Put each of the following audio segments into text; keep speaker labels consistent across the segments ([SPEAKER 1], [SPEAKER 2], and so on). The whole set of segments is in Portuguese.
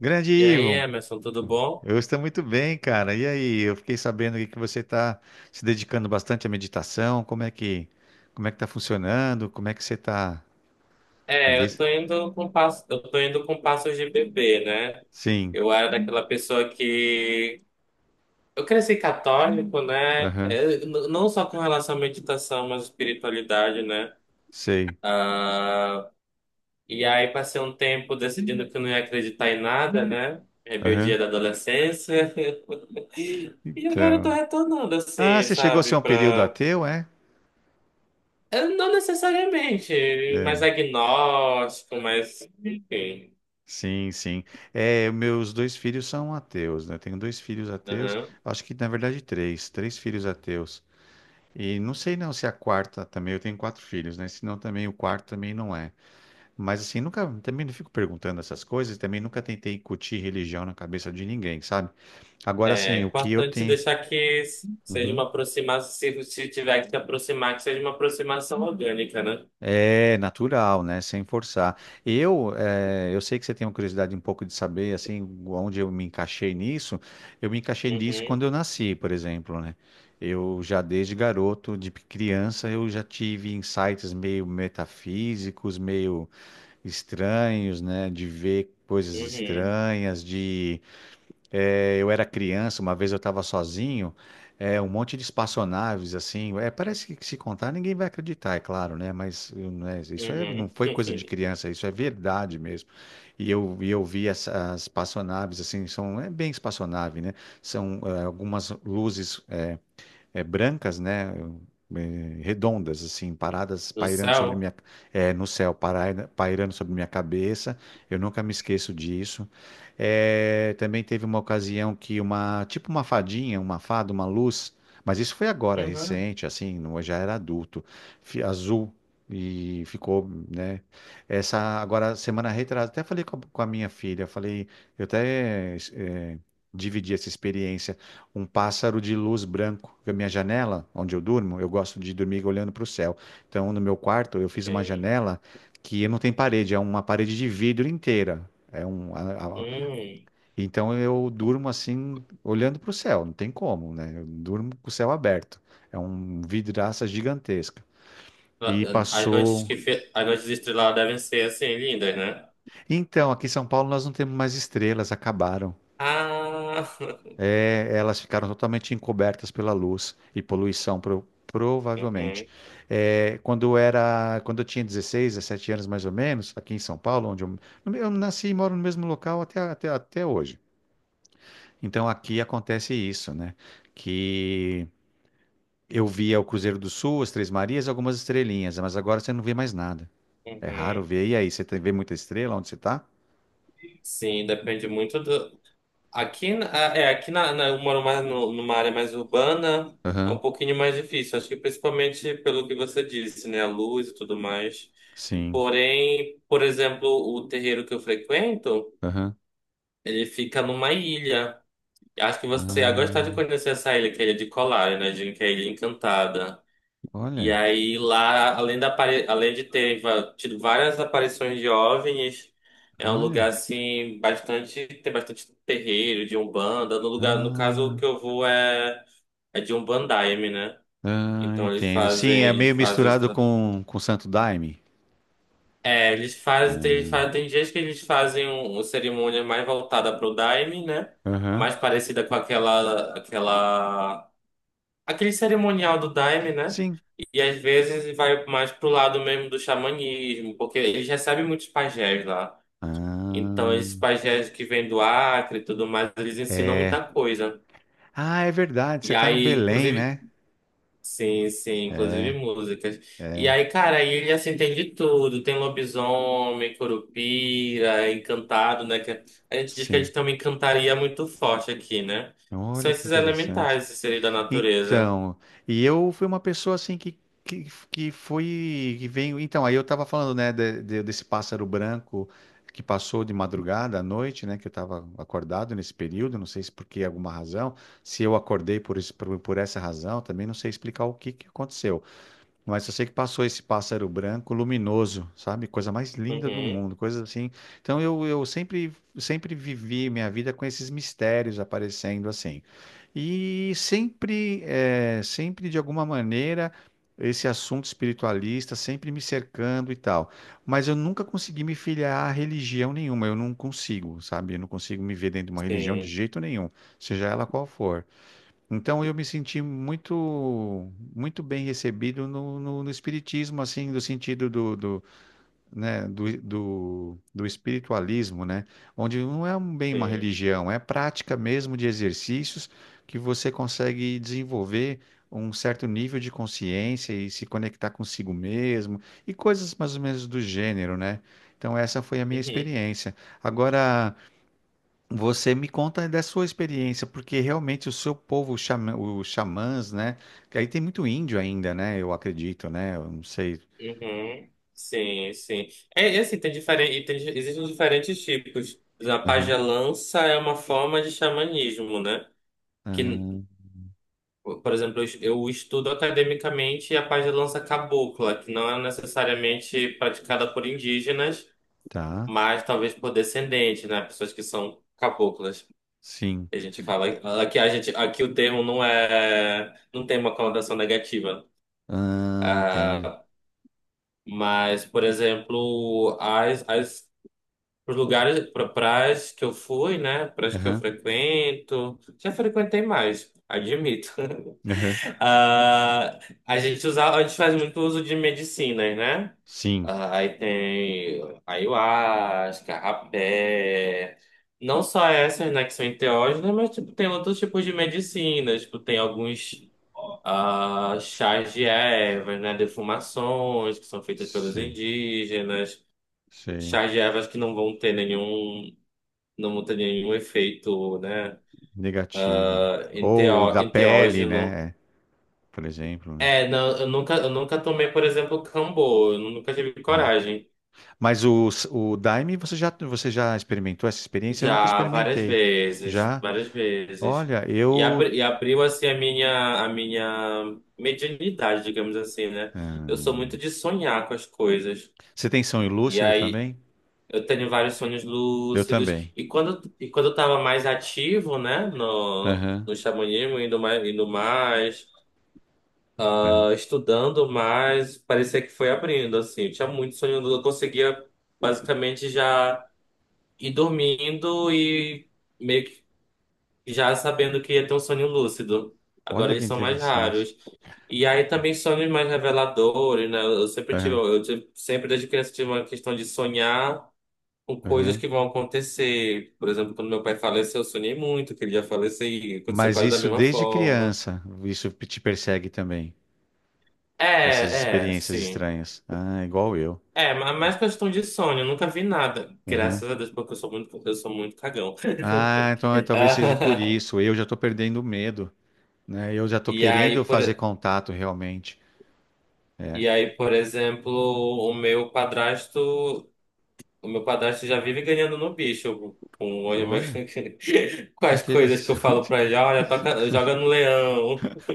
[SPEAKER 1] Grande
[SPEAKER 2] E aí,
[SPEAKER 1] Ivo,
[SPEAKER 2] Emerson, tudo bom?
[SPEAKER 1] eu estou muito bem, cara. E aí, eu fiquei sabendo aí que você está se dedicando bastante à meditação. Como é que tá funcionando? Como é que você está? Me
[SPEAKER 2] Eu
[SPEAKER 1] diz.
[SPEAKER 2] tô indo com passo, eu tô indo com passos de bebê, né?
[SPEAKER 1] Sim.
[SPEAKER 2] Eu era daquela pessoa que eu cresci católico, né?
[SPEAKER 1] Aham.
[SPEAKER 2] Não só com relação à meditação, mas espiritualidade, né?
[SPEAKER 1] Sei.
[SPEAKER 2] Ah, e aí passei um tempo decidindo que eu não ia acreditar em nada, né?
[SPEAKER 1] Aham.
[SPEAKER 2] Rebeldia da adolescência. E agora eu tô
[SPEAKER 1] Então.
[SPEAKER 2] retornando
[SPEAKER 1] Ah,
[SPEAKER 2] assim,
[SPEAKER 1] você chegou a ser
[SPEAKER 2] sabe,
[SPEAKER 1] um período
[SPEAKER 2] pra...
[SPEAKER 1] ateu, é?
[SPEAKER 2] eu Não necessariamente,
[SPEAKER 1] É.
[SPEAKER 2] mais agnóstico, mas enfim.
[SPEAKER 1] Sim, sim. É, meus dois filhos são ateus, né? Tenho dois filhos ateus.
[SPEAKER 2] Aham.
[SPEAKER 1] Acho que na verdade três filhos ateus. E não sei não se a quarta também. Eu tenho quatro filhos, né? Se não também o quarto também não é. Mas assim, nunca, também não fico perguntando essas coisas, também nunca tentei incutir religião na cabeça de ninguém, sabe? Agora,
[SPEAKER 2] É
[SPEAKER 1] assim, o que eu
[SPEAKER 2] importante
[SPEAKER 1] tenho.
[SPEAKER 2] deixar que seja uma
[SPEAKER 1] Uhum.
[SPEAKER 2] aproximação, se se tiver que se aproximar, que seja uma aproximação orgânica, né?
[SPEAKER 1] É natural, né? Sem forçar. Eu sei que você tem uma curiosidade um pouco de saber, assim, onde eu me encaixei nisso. Eu me encaixei nisso
[SPEAKER 2] Uhum,
[SPEAKER 1] quando eu nasci, por exemplo, né? Eu já desde garoto, de criança, eu já tive insights meio metafísicos, meio estranhos, né? De ver coisas
[SPEAKER 2] uhum,
[SPEAKER 1] estranhas, de. É, eu era criança, uma vez eu estava sozinho, é, um monte de espaçonaves, assim, é, parece que se contar ninguém vai acreditar, é claro, né? Mas eu, né, isso é,
[SPEAKER 2] uhum.
[SPEAKER 1] não foi coisa de criança, isso é verdade mesmo. E eu vi as espaçonaves, assim, são, é bem espaçonave, né? São é, algumas luzes, é, brancas, né? É, redondas, assim, paradas
[SPEAKER 2] No
[SPEAKER 1] pairando sobre
[SPEAKER 2] céu?
[SPEAKER 1] minha, é, no céu, pairando sobre minha cabeça. Eu nunca me esqueço disso. É, também teve uma ocasião que uma, tipo uma fadinha, uma fada, uma luz, mas isso foi agora,
[SPEAKER 2] Uhum.
[SPEAKER 1] recente, assim, eu já era adulto, azul. E ficou, né? Essa agora semana retrasada, até falei com a minha filha, eu falei, eu até dividi essa experiência, um pássaro de luz branco. Porque a minha janela, onde eu durmo, eu gosto de dormir olhando para o céu. Então, no meu quarto, eu fiz uma
[SPEAKER 2] Sim.
[SPEAKER 1] janela que não tem parede, é uma parede de vidro inteira.
[SPEAKER 2] Hum.
[SPEAKER 1] Então eu durmo assim, olhando para o céu, não tem como, né? Eu durmo com o céu aberto. É um vidraça gigantesca. E passou.
[SPEAKER 2] As noites estreladas devem ser assim, lindas, né?
[SPEAKER 1] Então, aqui em São Paulo nós não temos mais estrelas, acabaram.
[SPEAKER 2] Ah!
[SPEAKER 1] É, elas ficaram totalmente encobertas pela luz e poluição, provavelmente.
[SPEAKER 2] Uhum,
[SPEAKER 1] É, quando eu tinha 16 17 anos mais ou menos, aqui em São Paulo, onde eu nasci e moro no mesmo local até hoje. Então aqui acontece isso, né? Que eu via o Cruzeiro do Sul, as Três Marias, algumas estrelinhas, mas agora você não vê mais nada. É raro
[SPEAKER 2] uhum.
[SPEAKER 1] ver. E aí, você vê muita estrela onde você tá?
[SPEAKER 2] Sim, depende muito do. Aqui, na- aqui eu moro mais numa área mais urbana, é um
[SPEAKER 1] Aham,
[SPEAKER 2] pouquinho mais difícil. Acho que principalmente pelo que você disse, né? A luz e tudo mais.
[SPEAKER 1] sim.
[SPEAKER 2] Porém, por exemplo, o terreiro que eu frequento,
[SPEAKER 1] Aham.
[SPEAKER 2] ele fica numa ilha. Acho que você ia gostar de
[SPEAKER 1] Ah,
[SPEAKER 2] conhecer essa ilha, que é a Ilha de Colar, né? Dizem que é a Ilha Encantada. E
[SPEAKER 1] olha,
[SPEAKER 2] aí lá, além de ter tido várias aparições de OVNIs, é um lugar
[SPEAKER 1] olha.
[SPEAKER 2] assim bastante tem bastante terreiro de Umbanda. No lugar, no caso
[SPEAKER 1] Ah.
[SPEAKER 2] que eu vou é de Umbandaime, né?
[SPEAKER 1] Ah,
[SPEAKER 2] Então
[SPEAKER 1] entendo. Sim, é meio
[SPEAKER 2] eles fazem os
[SPEAKER 1] misturado
[SPEAKER 2] tra-
[SPEAKER 1] com Santo Daime.
[SPEAKER 2] é, eles
[SPEAKER 1] Ah,
[SPEAKER 2] fazem, tem dias que eles fazem uma cerimônia mais voltada pro Daime, né?
[SPEAKER 1] aham.
[SPEAKER 2] Mais parecida com aquela aquele cerimonial do Daime, né?
[SPEAKER 1] Sim.
[SPEAKER 2] E às vezes vai mais pro lado mesmo do xamanismo, porque eles recebem muitos pajés lá.
[SPEAKER 1] Ah,
[SPEAKER 2] Então, esses pajés que vêm do Acre e tudo mais, eles ensinam muita
[SPEAKER 1] é.
[SPEAKER 2] coisa.
[SPEAKER 1] Ah, é verdade.
[SPEAKER 2] E
[SPEAKER 1] Você tá no
[SPEAKER 2] aí,
[SPEAKER 1] Belém,
[SPEAKER 2] inclusive.
[SPEAKER 1] né?
[SPEAKER 2] Sim, sim, inclusive
[SPEAKER 1] É,
[SPEAKER 2] músicas. E
[SPEAKER 1] é.
[SPEAKER 2] aí, cara, aí ele assim tem de tudo. Tem lobisomem, curupira, encantado, né? Que a gente diz que a
[SPEAKER 1] Sim.
[SPEAKER 2] gente tem uma encantaria muito forte aqui, né? São
[SPEAKER 1] Olha que
[SPEAKER 2] esses
[SPEAKER 1] interessante.
[SPEAKER 2] elementais, esses seres da natureza.
[SPEAKER 1] Então, e eu fui uma pessoa assim que foi, que veio. Então, aí eu estava falando, né, desse pássaro branco que passou de madrugada à noite, né, que eu estava acordado nesse período, não sei se por que alguma razão, se eu acordei por essa razão, também não sei explicar o que aconteceu. Mas eu sei que passou esse pássaro branco luminoso, sabe? Coisa mais linda do
[SPEAKER 2] Uhum,
[SPEAKER 1] mundo, coisa assim. Então eu sempre, sempre vivi minha vida com esses mistérios aparecendo assim. E sempre de alguma maneira, esse assunto espiritualista sempre me cercando e tal. Mas eu nunca consegui me filiar a religião nenhuma, eu não consigo, sabe? Eu não consigo me ver dentro de uma religião de
[SPEAKER 2] sim,
[SPEAKER 1] jeito nenhum, seja ela qual for. Então eu me senti muito muito bem recebido no espiritismo, assim, do sentido do, do, né, do espiritualismo, né? Onde não é bem uma
[SPEAKER 2] sim.
[SPEAKER 1] religião, é prática mesmo de exercícios que você consegue desenvolver um certo nível de consciência e se conectar consigo mesmo e coisas mais ou menos do gênero, né? Então essa foi a minha
[SPEAKER 2] Uhum.
[SPEAKER 1] experiência. Agora você me conta da sua experiência, porque realmente o seu povo, os os xamãs, né? Que aí tem muito índio ainda, né? Eu acredito, né? Eu não sei.
[SPEAKER 2] Uhum. Sim, sim. É, e assim, tem diferente, tem, existem diferentes tipos. A
[SPEAKER 1] Aham.
[SPEAKER 2] pagelança é uma forma de xamanismo, né? Que,
[SPEAKER 1] Ah,
[SPEAKER 2] por exemplo, eu estudo academicamente a pagelança cabocla, que não é necessariamente praticada por indígenas,
[SPEAKER 1] tá.
[SPEAKER 2] mas talvez por descendentes, né? Pessoas que são caboclas.
[SPEAKER 1] Sim.
[SPEAKER 2] A gente fala aqui a gente aqui o termo não tem uma conotação negativa.
[SPEAKER 1] Ah, entendo.
[SPEAKER 2] Ah, mas, por exemplo, as os lugares, praias que eu fui, né? Praias que eu
[SPEAKER 1] Aham.
[SPEAKER 2] frequento. Já frequentei mais, admito.
[SPEAKER 1] Aham.
[SPEAKER 2] Ah, a gente usa, a gente faz muito uso de medicinas, né?
[SPEAKER 1] Sim.
[SPEAKER 2] Ah, aí tem ayahuasca, rapé. Não só essas, né, que são enteógenas, mas tipo, tem outros tipos de medicinas. Tipo, tem alguns, ah, chás de ervas, né? Defumações que são feitas pelos
[SPEAKER 1] Sei.
[SPEAKER 2] indígenas.
[SPEAKER 1] Sei.
[SPEAKER 2] Chás de ervas que não vão ter nenhum, não tem nenhum efeito, né,
[SPEAKER 1] Negativa, né? Ou
[SPEAKER 2] enteo-
[SPEAKER 1] da pele,
[SPEAKER 2] enteógeno.
[SPEAKER 1] né? É, por exemplo, né?
[SPEAKER 2] É, não, eu nunca tomei, por exemplo, Cambô, eu nunca tive
[SPEAKER 1] Aham.
[SPEAKER 2] coragem.
[SPEAKER 1] Mas o Daime, você já experimentou essa experiência? Eu nunca
[SPEAKER 2] Já várias
[SPEAKER 1] experimentei.
[SPEAKER 2] vezes,
[SPEAKER 1] Já?
[SPEAKER 2] várias vezes.
[SPEAKER 1] Olha, eu.
[SPEAKER 2] E abriu, assim, a minha mediunidade, digamos assim, né? Eu sou muito de sonhar com as coisas.
[SPEAKER 1] Você tem sonho
[SPEAKER 2] E
[SPEAKER 1] lúcido
[SPEAKER 2] aí,
[SPEAKER 1] também?
[SPEAKER 2] eu tenho vários sonhos
[SPEAKER 1] Eu
[SPEAKER 2] lúcidos.
[SPEAKER 1] também.
[SPEAKER 2] E quando eu tava mais ativo, né,
[SPEAKER 1] Aham,
[SPEAKER 2] no xamanismo, indo mais,
[SPEAKER 1] aham.
[SPEAKER 2] estudando, mas parecia que foi abrindo, assim. Eu tinha muito sono, eu conseguia basicamente já ir dormindo e meio que já sabendo que ia ter um sonho lúcido. Agora
[SPEAKER 1] Olha que
[SPEAKER 2] eles são mais
[SPEAKER 1] interessante.
[SPEAKER 2] raros. E aí também sonhos mais reveladores, né? Eu sempre tive,
[SPEAKER 1] Aham,
[SPEAKER 2] sempre desde criança tive uma questão de sonhar com coisas
[SPEAKER 1] aham.
[SPEAKER 2] que vão acontecer. Por exemplo, quando meu pai faleceu, eu sonhei muito que ele ia falecer e aconteceu
[SPEAKER 1] Mas
[SPEAKER 2] quase da
[SPEAKER 1] isso
[SPEAKER 2] mesma
[SPEAKER 1] desde
[SPEAKER 2] forma.
[SPEAKER 1] criança, isso te persegue também, essas
[SPEAKER 2] É, é,
[SPEAKER 1] experiências
[SPEAKER 2] sim.
[SPEAKER 1] estranhas. Ah, igual eu.
[SPEAKER 2] É, mais questão de sono, eu nunca vi nada.
[SPEAKER 1] Aham.
[SPEAKER 2] Graças a Deus, porque eu sou muito cagão.
[SPEAKER 1] Ah, então é, talvez seja por
[SPEAKER 2] Ah,
[SPEAKER 1] isso. Eu já estou perdendo o medo, né? Eu já estou
[SPEAKER 2] E
[SPEAKER 1] querendo
[SPEAKER 2] aí, por,
[SPEAKER 1] fazer contato realmente. É.
[SPEAKER 2] e aí, por exemplo, o meu padrasto já vive ganhando no bicho com, o olho meu-
[SPEAKER 1] Olha,
[SPEAKER 2] com
[SPEAKER 1] que
[SPEAKER 2] as coisas que eu falo
[SPEAKER 1] interessante.
[SPEAKER 2] pra ele, olha, toca, joga no leão.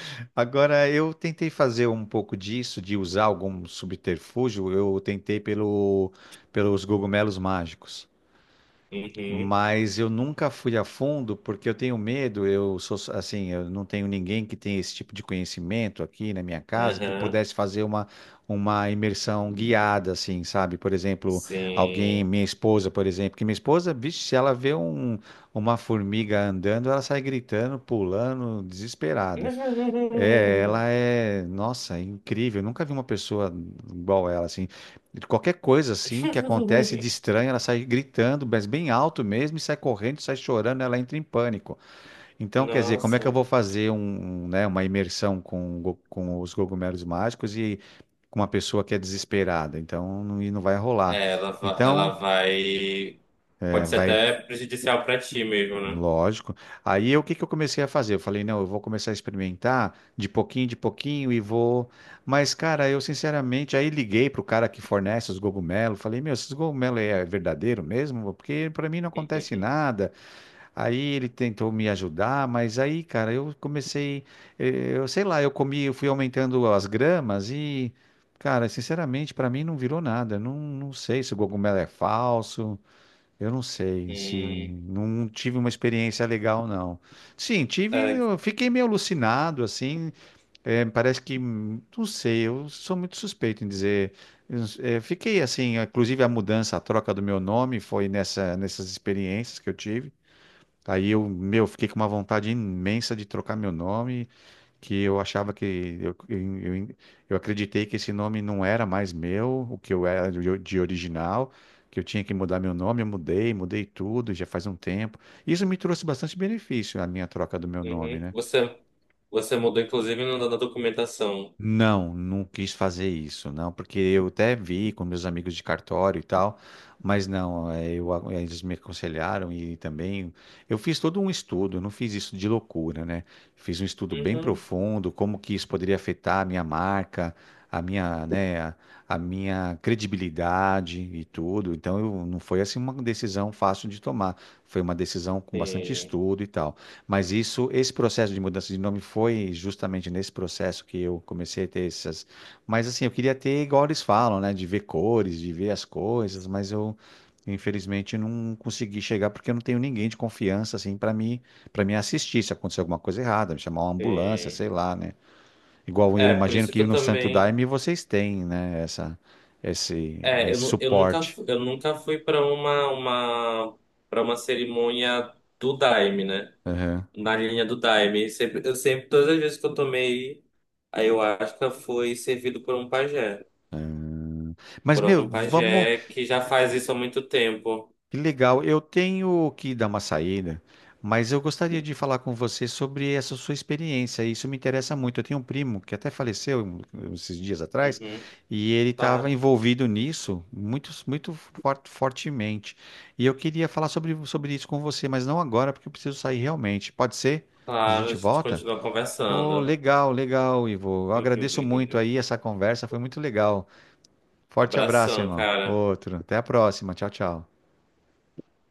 [SPEAKER 1] Agora, eu tentei fazer um pouco disso, de usar algum subterfúgio. Eu tentei pelos cogumelos mágicos,
[SPEAKER 2] Uhum,
[SPEAKER 1] mas eu nunca fui a fundo porque eu tenho medo. Eu sou assim, eu não tenho ninguém que tenha esse tipo de conhecimento aqui na minha casa que
[SPEAKER 2] aham,
[SPEAKER 1] pudesse fazer uma imersão guiada, assim, sabe? Por exemplo, alguém,
[SPEAKER 2] sim.
[SPEAKER 1] minha esposa, por exemplo, que minha esposa, vixe, se ela vê uma formiga andando, ela sai gritando, pulando, desesperada. É, ela é, nossa, é incrível. Eu nunca vi uma pessoa igual ela, assim. Qualquer coisa, assim, que acontece de estranho, ela sai gritando, mas bem alto mesmo, e sai correndo, sai chorando, ela entra em pânico. Então, quer dizer, como é que eu
[SPEAKER 2] Nossa.
[SPEAKER 1] vou fazer, né, uma imersão com os cogumelos mágicos e com uma pessoa que é desesperada? Então, não, e não vai rolar.
[SPEAKER 2] É, ela, ela
[SPEAKER 1] Então,
[SPEAKER 2] vai. Pode ser até prejudicial pra ti mesmo, né?
[SPEAKER 1] lógico. Aí o que que eu comecei a fazer? Eu falei, não, eu vou começar a experimentar de pouquinho e vou. Mas, cara, eu sinceramente aí liguei pro cara que fornece os cogumelos, falei, meu, esses cogumelos é verdadeiro mesmo? Porque para mim não acontece nada. Aí ele tentou me ajudar, mas aí, cara, eu comecei, eu sei lá, eu comi, eu fui aumentando as gramas e, cara, sinceramente, para mim não virou nada. Não, não sei se o cogumelo é falso. Eu não sei se
[SPEAKER 2] Hum,
[SPEAKER 1] não tive uma experiência legal, não. Sim, tive,
[SPEAKER 2] é,
[SPEAKER 1] eu fiquei meio alucinado, assim. É, parece que, não sei, eu sou muito suspeito em dizer. Eu, fiquei assim, inclusive a mudança, a troca do meu nome foi nessas experiências que eu tive. Aí eu, meu, fiquei com uma vontade imensa de trocar meu nome que eu achava que eu, eu, eu, eu acreditei que esse nome não era mais meu, o que eu era de original, que eu tinha que mudar meu nome, eu mudei, mudei tudo, já faz um tempo. Isso me trouxe bastante benefício, a minha troca do meu nome,
[SPEAKER 2] uhum.
[SPEAKER 1] né?
[SPEAKER 2] Você, você mudou, inclusive, na documentação.
[SPEAKER 1] Não, não quis fazer isso, não, porque eu até vi com meus amigos de cartório e tal, mas não, é, eu, eles me aconselharam e também eu fiz todo um estudo, eu não fiz isso de loucura, né? Fiz um estudo bem
[SPEAKER 2] Uhum.
[SPEAKER 1] profundo, como que isso poderia afetar a minha marca, a minha, né, a minha credibilidade e tudo. Então, eu, não foi assim uma decisão fácil de tomar, foi uma decisão com bastante
[SPEAKER 2] Sim,
[SPEAKER 1] estudo e tal. Mas isso, esse processo de mudança de nome foi justamente nesse processo que eu comecei a ter essas. Mas assim, eu queria ter igual eles falam, né? De ver cores, de ver as coisas, mas eu infelizmente não consegui chegar porque eu não tenho ninguém de confiança assim para mim para me assistir se acontecer alguma coisa errada, me chamar uma ambulância, sei
[SPEAKER 2] sim.
[SPEAKER 1] lá, né? Igual eu
[SPEAKER 2] É, por
[SPEAKER 1] imagino
[SPEAKER 2] isso que
[SPEAKER 1] que
[SPEAKER 2] eu
[SPEAKER 1] no Santo
[SPEAKER 2] também.
[SPEAKER 1] Daime vocês têm, né? Essa esse,
[SPEAKER 2] É, eu,
[SPEAKER 1] esse
[SPEAKER 2] nu- eu nunca,
[SPEAKER 1] suporte.
[SPEAKER 2] fu- eu nunca fui para uma, para uma cerimônia do Daime, né? Na linha do Daime. Sempre, eu sempre, todas as vezes que eu tomei, aí eu acho que foi servido por um pajé.
[SPEAKER 1] Mas,
[SPEAKER 2] Por
[SPEAKER 1] meu,
[SPEAKER 2] algum
[SPEAKER 1] vamos.
[SPEAKER 2] pajé que já faz isso há muito tempo.
[SPEAKER 1] Que legal. Eu tenho que dar uma saída, mas eu gostaria de falar com você sobre essa sua experiência. Isso me interessa muito. Eu tenho um primo que até faleceu esses dias atrás
[SPEAKER 2] Uhum,
[SPEAKER 1] e ele estava
[SPEAKER 2] claro,
[SPEAKER 1] envolvido nisso muito, muito fortemente. E eu queria falar sobre isso com você, mas não agora, porque eu preciso sair realmente. Pode ser? A
[SPEAKER 2] claro, a
[SPEAKER 1] gente
[SPEAKER 2] gente
[SPEAKER 1] volta?
[SPEAKER 2] continua
[SPEAKER 1] Oh,
[SPEAKER 2] conversando.
[SPEAKER 1] legal, legal, Ivo. Eu agradeço muito aí essa conversa, foi muito legal. Forte abraço,
[SPEAKER 2] Abração,
[SPEAKER 1] irmão.
[SPEAKER 2] cara.
[SPEAKER 1] Outro. Até a próxima. Tchau, tchau.